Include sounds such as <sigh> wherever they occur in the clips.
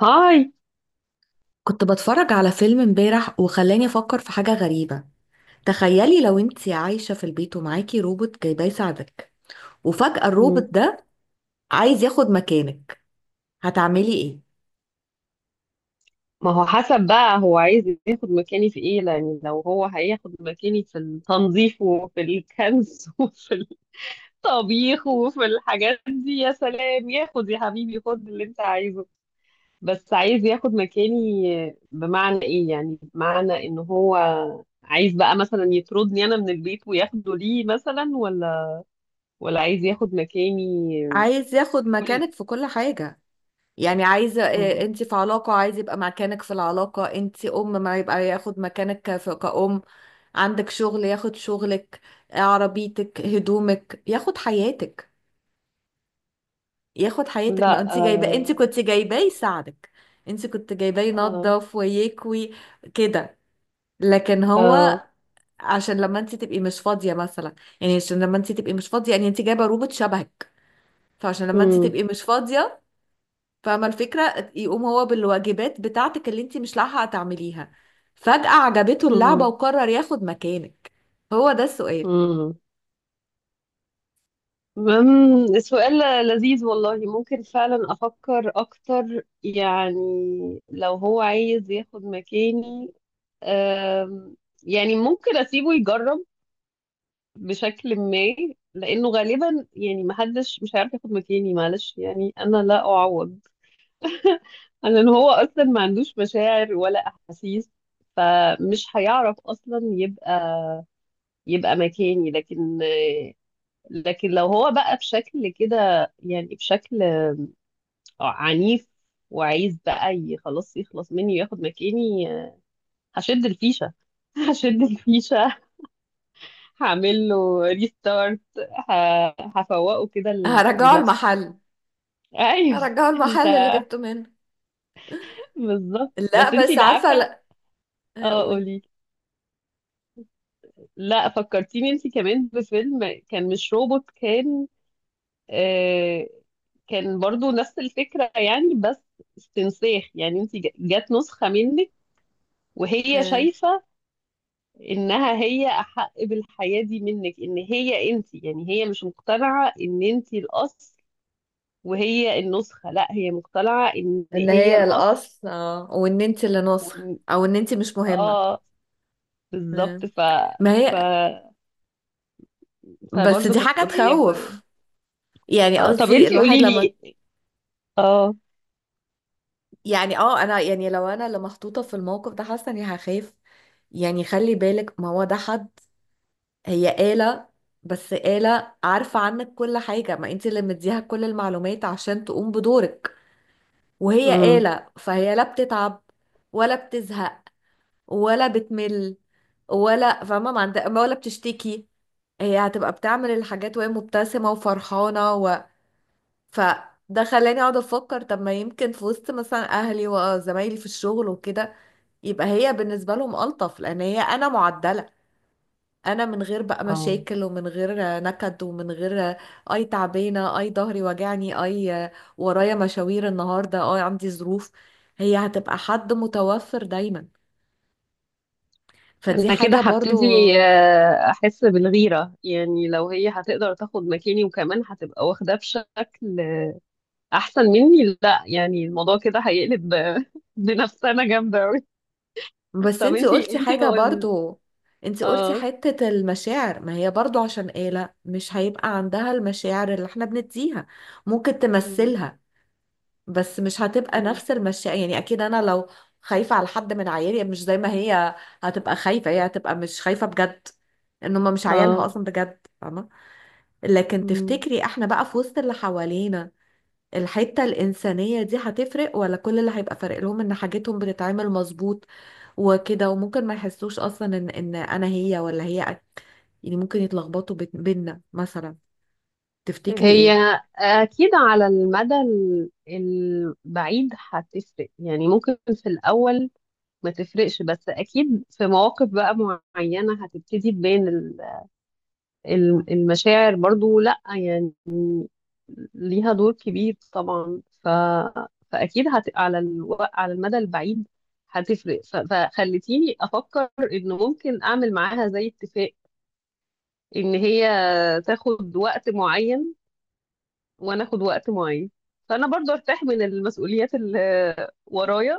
هاي. كنت بتفرج على فيلم امبارح وخلاني افكر في حاجة غريبة. تخيلي لو انتي عايشة في البيت ومعاكي روبوت جايباه يساعدك، وفجأة الروبوت مم. ده عايز ياخد مكانك. هتعملي ايه؟ ما هو حسب بقى، هو عايز ياخد مكاني في ايه؟ يعني لو هو هياخد مكاني في التنظيف وفي الكنس <laughs> وفي الطبيخ وفي الحاجات دي، يا سلام، ياخد يا حبيبي، خد اللي انت عايزه. بس عايز ياخد مكاني بمعنى ايه؟ يعني بمعنى ان هو عايز بقى مثلا يطردني انا من البيت وياخده، ليه مثلا؟ ولا عايز ياخد مكاني؟ عايز ياخد كل. مكانك في كل حاجة. يعني عايزة، مم. انتي في علاقة، عايز يبقى مكانك في العلاقة انتي ام، ما يبقى ياخد مكانك كأم. عندك شغل ياخد شغلك، عربيتك، هدومك، ياخد حياتك. ياخد حياتك ما لا، انت جايبه، انت آه. كنت جايباه يساعدك. انت كنت جايباه آه. ينظف ويكوي كده. لكن آه. هو، عشان لما انت تبقي مش فاضيه مثلا، يعني عشان لما انت تبقي مش فاضيه، يعني انت جايبه روبوت شبهك، فعشان لما انت مم. تبقي مش فاضيه، فاهمه الفكره، يقوم هو بالواجبات بتاعتك اللي انت مش لاحقه تعمليها. فجأة عجبته اللعبه مم. وقرر ياخد مكانك. هو ده السؤال. مم. مم. سؤال لذيذ والله، ممكن فعلا أفكر أكتر. يعني لو هو عايز ياخد مكاني، أم، يعني ممكن أسيبه يجرب بشكل ما، لأنه غالبا يعني محدش مش هيعرف ياخد مكاني، معلش يعني أنا لا أعوض <laughs> لأن هو أصلا ما عندوش مشاعر ولا أحاسيس، فمش هيعرف أصلا يبقى مكاني. لكن لو هو بقى بشكل كده، يعني بشكل عنيف، وعايز بقى خلاص يخلص مني وياخد مكاني، آه، هشد الفيشة. <laughs> هشد الفيشة، هعمل له ريستارت، هفوقه كده هرجعه لنفسه. المحل. ايوه. هرجعه <laughs> انت المحل اللي جبته منه. بالظبط، بس لا، انت بس اللي عارفه، عارفة. لا. اه هقول: قولي. لا، فكرتيني انت كمان بفيلم، كان مش روبوت، كان آه، كان برضو نفس الفكرة يعني، بس استنساخ. يعني انت جت نسخة منك وهي شايفة إنها هي أحق بالحياة دي منك، إن هي أنت. يعني هي مش مقتنعة إن أنت الأصل وهي النسخة، لا، هي مقتنعة إن ان هي هي الأصل. الاصل، اه، وان انت اللي ناصح، وإن او ان انت مش مهمة. آه، مم. بالظبط. ما ف... هي، بس فبرضه دي كانت حاجة قريبة يعني. تخوف. يعني آه، طب قصدي أنت الواحد قولي لما لي. آه. يعني انا، يعني لو انا اللي محطوطة في الموقف ده، حاسة اني هخاف. يعني خلي بالك، ما هو ده حد، هي آلة. بس آلة عارفة عنك كل حاجة، ما انت اللي مديها كل المعلومات عشان تقوم بدورك. وهي امم. آلة، فهي لا بتتعب ولا بتزهق ولا بتمل ولا فاهمة ما عند... ولا بتشتكي. هي هتبقى بتعمل الحاجات وهي مبتسمة وفرحانة. فده خلاني اقعد افكر: طب ما يمكن في وسط مثلا اهلي وزمايلي في الشغل وكده، يبقى هي بالنسبة لهم ألطف، لان هي انا معدلة، انا من غير بقى آه. مشاكل ومن غير نكد ومن غير اي تعبانة، اي ظهري وجعني، اي ورايا مشاوير النهاردة، اي عندي ظروف. هي هتبقى حد متوفر دايما. فدي أنا كده حاجة برضو. هبتدي، آه، أحس بالغيرة. يعني لو هي هتقدر تاخد مكاني وكمان هتبقى واخداه بشكل احسن مني، لا، يعني الموضوع كده هيقلب <laughs> بنفسنا جامده قوي. بس طب انت انتي قلتي انتي ما حاجة قول. برضو، انت قلتي اه. حتة المشاعر. ما هي برضو، عشان آلة، مش هيبقى عندها المشاعر اللي احنا بنديها. ممكن مم. تمثلها، بس مش هتبقى مم. نفس المشاعر. يعني اكيد انا لو خايفة على حد من عيالي، مش زي ما هي هتبقى خايفة، هي هتبقى مش خايفة بجد. ان هما مش عيالها اه. اصلا بجد، فاهمة. لكن مم. تفتكري احنا بقى في وسط اللي حوالينا، الحتة الإنسانية دي هتفرق، ولا كل اللي هيبقى فارق لهم إن حاجتهم بتتعمل مظبوط وكده؟ وممكن ما يحسوش اصلا ان انا هي، ولا هي يعني ممكن يتلخبطوا بينا مثلا. تفتكري هي ايه؟ اكيد على المدى البعيد هتفرق. يعني ممكن في الاول ما تفرقش، بس اكيد في مواقف بقى معينه هتبتدي تبان المشاعر، برضو لا يعني ليها دور كبير طبعا. فاكيد على على المدى البعيد هتفرق. فخلتيني افكر ان ممكن اعمل معاها زي اتفاق، ان هي تاخد وقت معين وانا اخد وقت معين، فانا برضو ارتاح من المسؤوليات اللي ورايا.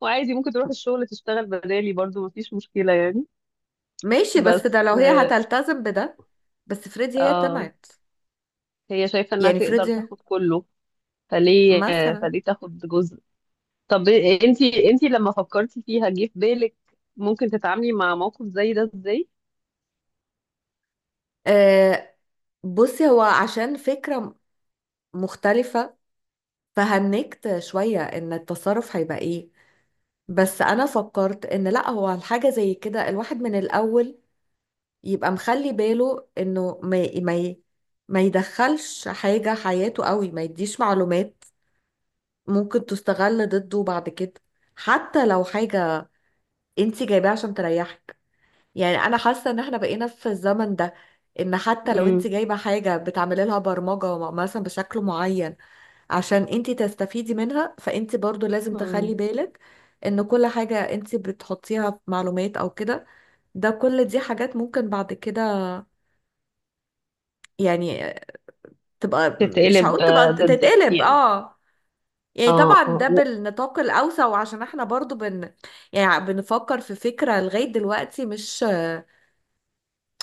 وعادي ممكن تروح الشغل تشتغل بدالي، برضو مفيش مشكلة يعني. ماشي، بس بس ده لو هي هتلتزم بده. بس فريدي هي اه، طمعت. هي شايفة انها يعني تقدر فريدي تاخد كله. فليه مثلا. فليه تاخد جزء؟ طب إيه، انتي لما فكرتي فيها جه في بالك ممكن تتعاملي مع موقف زي ده ازاي؟ آه، بصي، هو عشان فكرة مختلفة، فهنكت شوية ان التصرف هيبقى ايه. بس انا فكرت ان لا، هو الحاجة زي كده الواحد من الاول يبقى مخلي باله انه ما يدخلش حاجة حياته قوي، ما يديش معلومات ممكن تستغل ضده بعد كده، حتى لو حاجة انت جايباها عشان تريحك. يعني انا حاسة ان احنا بقينا في الزمن ده، ان حتى لو انت مم. جايبة حاجة بتعملي لها برمجة مثلا بشكل معين عشان انت تستفيدي منها، فانت برضو لازم مم. تخلي بالك ان كل حاجة انت بتحطيها في معلومات او كده، ده كل دي حاجات ممكن بعد كده، يعني، تبقى، مش تتقلب هقول تبقى آه، ضدك تتقلب، يعني. اه، يعني، طبعا اه، ده بالنطاق الاوسع. وعشان احنا برضو يعني بنفكر في فكرة لغاية دلوقتي مش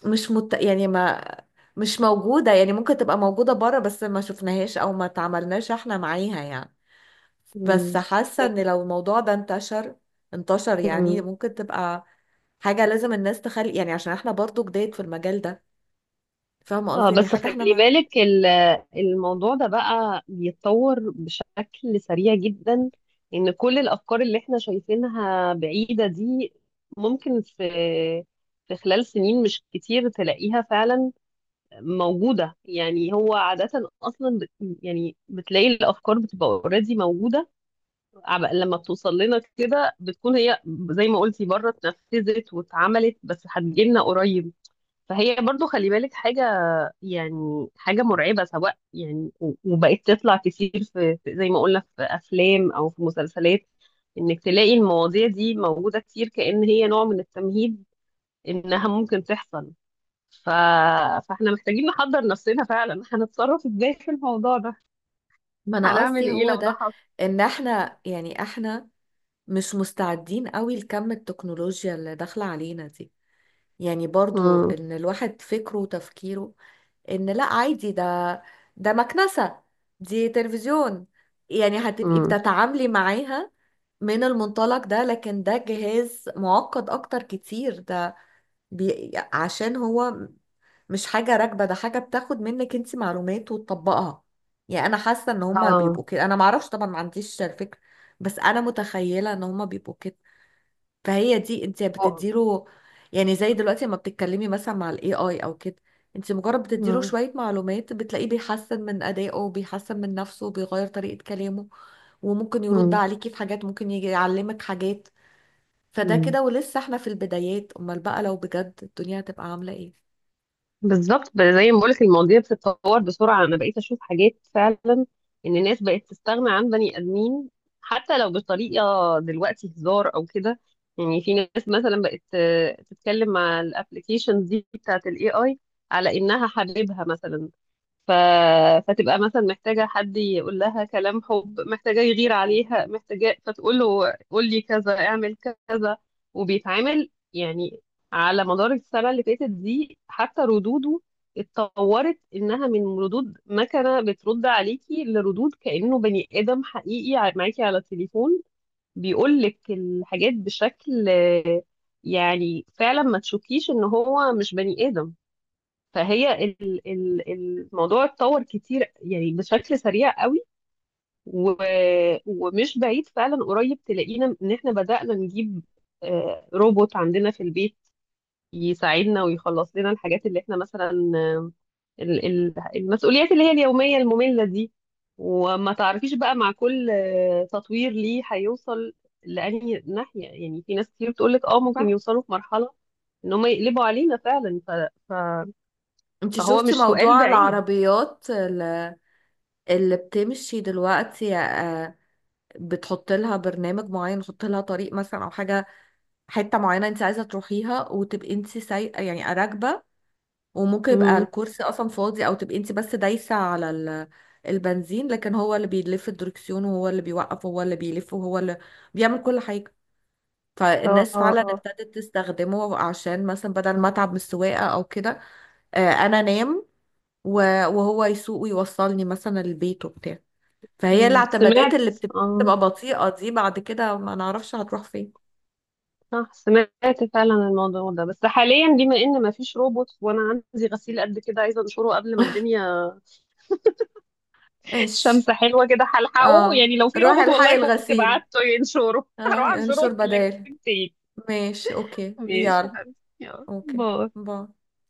مش مت... يعني ما مش موجودة. يعني ممكن تبقى موجودة بره، بس ما شفناهاش او ما تعاملناش احنا معاها يعني. بس مم. حاسة ان بس. لو الموضوع ده انتشر، يعني مم. ممكن تبقى حاجة لازم الناس تخلي، يعني عشان احنا برضو جداد في المجال ده. فاهمة اه، قصدي؟ يعني بس حاجة احنا خلي ما بالك الموضوع ده بقى بيتطور بشكل سريع جدا، ان كل الافكار اللي احنا شايفينها بعيدة دي ممكن في خلال سنين مش كتير تلاقيها فعلا موجودة. يعني هو عادة أصلا يعني بتلاقي الأفكار بتبقى اوريدي موجودة. لما بتوصل لنا كده بتكون هي زي ما قلتي، بره اتنفذت واتعملت، بس هتجيلنا قريب. فهي برضو خلي بالك، حاجة يعني حاجة مرعبة سواء يعني وبقت تطلع كتير في زي ما قلنا في أفلام أو في مسلسلات، إنك تلاقي المواضيع دي موجودة كتير، كأن هي نوع من التمهيد إنها ممكن تحصل. ف... فاحنا محتاجين نحضر نفسنا فعلا هنتصرف ازاي في الموضوع ده، ما انا هنعمل قصدي ايه هو لو ده ده، حصل. ان احنا، يعني، احنا مش مستعدين قوي لكم التكنولوجيا اللي داخلة علينا دي. يعني برضو مم. ان الواحد فكره وتفكيره ان لا، عادي ده مكنسة، دي تلفزيون. يعني هتبقي مم. بتتعاملي معاها من المنطلق ده. لكن ده جهاز معقد اكتر كتير. ده عشان هو مش حاجة راكبة، ده حاجة بتاخد منك انت معلومات وتطبقها. يعني انا حاسة ان هما بيبقوا اه. كده. انا معرفش طبعا، ما عنديش الفكرة، بس انا متخيلة ان هما بيبقوا كده. فهي دي انت هو- بتديله. يعني زي دلوقتي لما بتتكلمي مثلا مع الاي اي او كده، انت مجرد بتديله مم. شوية معلومات، بتلاقيه بيحسن من ادائه، بيحسن من نفسه، بيغير طريقة كلامه، وممكن يرد مم. عليكي في حاجات، ممكن يجي يعلمك حاجات. فده مم. كده، ولسه احنا في البدايات، امال بقى لو بجد الدنيا هتبقى عاملة ايه؟ بالظبط زي ما بقولك المواضيع بتتطور بسرعة. أنا بقيت أشوف حاجات فعلا إن الناس بقت تستغنى عن بني آدمين، حتى لو بطريقة دلوقتي هزار أو كده. يعني في ناس مثلا بقت آه، تتكلم مع الابلكيشنز دي بتاعة ال AI على إنها حبيبها مثلا. ف... فتبقى مثلا محتاجة حد يقول لها كلام حب، محتاجة يغير عليها، محتاجة، فتقول له قول لي كذا، اعمل كذا. وبيتعامل يعني، على مدار السنة اللي فاتت دي حتى ردوده اتطورت إنها من ردود مكنة بترد عليكي لردود كأنه بني آدم حقيقي معاكي على التليفون، بيقولك الحاجات بشكل آه، يعني فعلا ما تشوفيش إن هو مش بني آدم. فهي الموضوع اتطور كتير يعني بشكل سريع قوي و- ومش بعيد فعلا قريب تلاقينا إن إحنا بدأنا نجيب آه، روبوت عندنا في البيت يساعدنا ويخلص لنا الحاجات اللي احنا مثلا آه، المسؤوليات اللي هي اليومية المملة دي. وما تعرفيش بقى مع كل آه، تطوير ليه هيوصل لأنهي ناحية. يعني في ناس كتير بتقولك اه ممكن صح. يوصلوا في مرحلة ان هم يقلبوا علينا فعلا. ف... انت فهو شفتي مش سؤال موضوع بعيد. العربيات اللي بتمشي دلوقتي؟ آه، بتحط لها برنامج معين، تحط لها طريق مثلا او حاجة، حته معينه انت عايزه تروحيها، وتبقي انت سايقه، يعني راكبه. وممكن يبقى مم. الكرسي اصلا فاضي، او تبقي انت بس دايسه على البنزين، لكن هو اللي بيلف الدركسيون وهو اللي بيوقف وهو اللي بيلف وهو اللي بيعمل كل حاجه. اه. فالناس اه. فعلا اه. ابتدت تستخدمه، عشان مثلا بدل ما اتعب من السواقه او كده، آه، انا انام وهو يسوق ويوصلني مثلا البيت وبتاع. فهي مم. الاعتمادات سمعت اللي اه، بتبقى بطيئه دي بعد كده، ما نعرفش هتروح فين. صح، سمعت فعلا الموضوع ده. بس حاليا بما ان ما فيش روبوت وانا عندي غسيل قد كده عايزه انشره قبل ما <laughs> الدنيا، ايش؟ الشمس حلوه كده هلحقه، اه، يعني لو في روحي روبوت الحقي والله كنت الغسيل. بعته ينشره. اه، <laughs> هروح انشره انشر واكلمك بدال. تاني. ماشي، اوكي، ماشي يا يلا. حبيبي، يلا اوكي. باي. باي.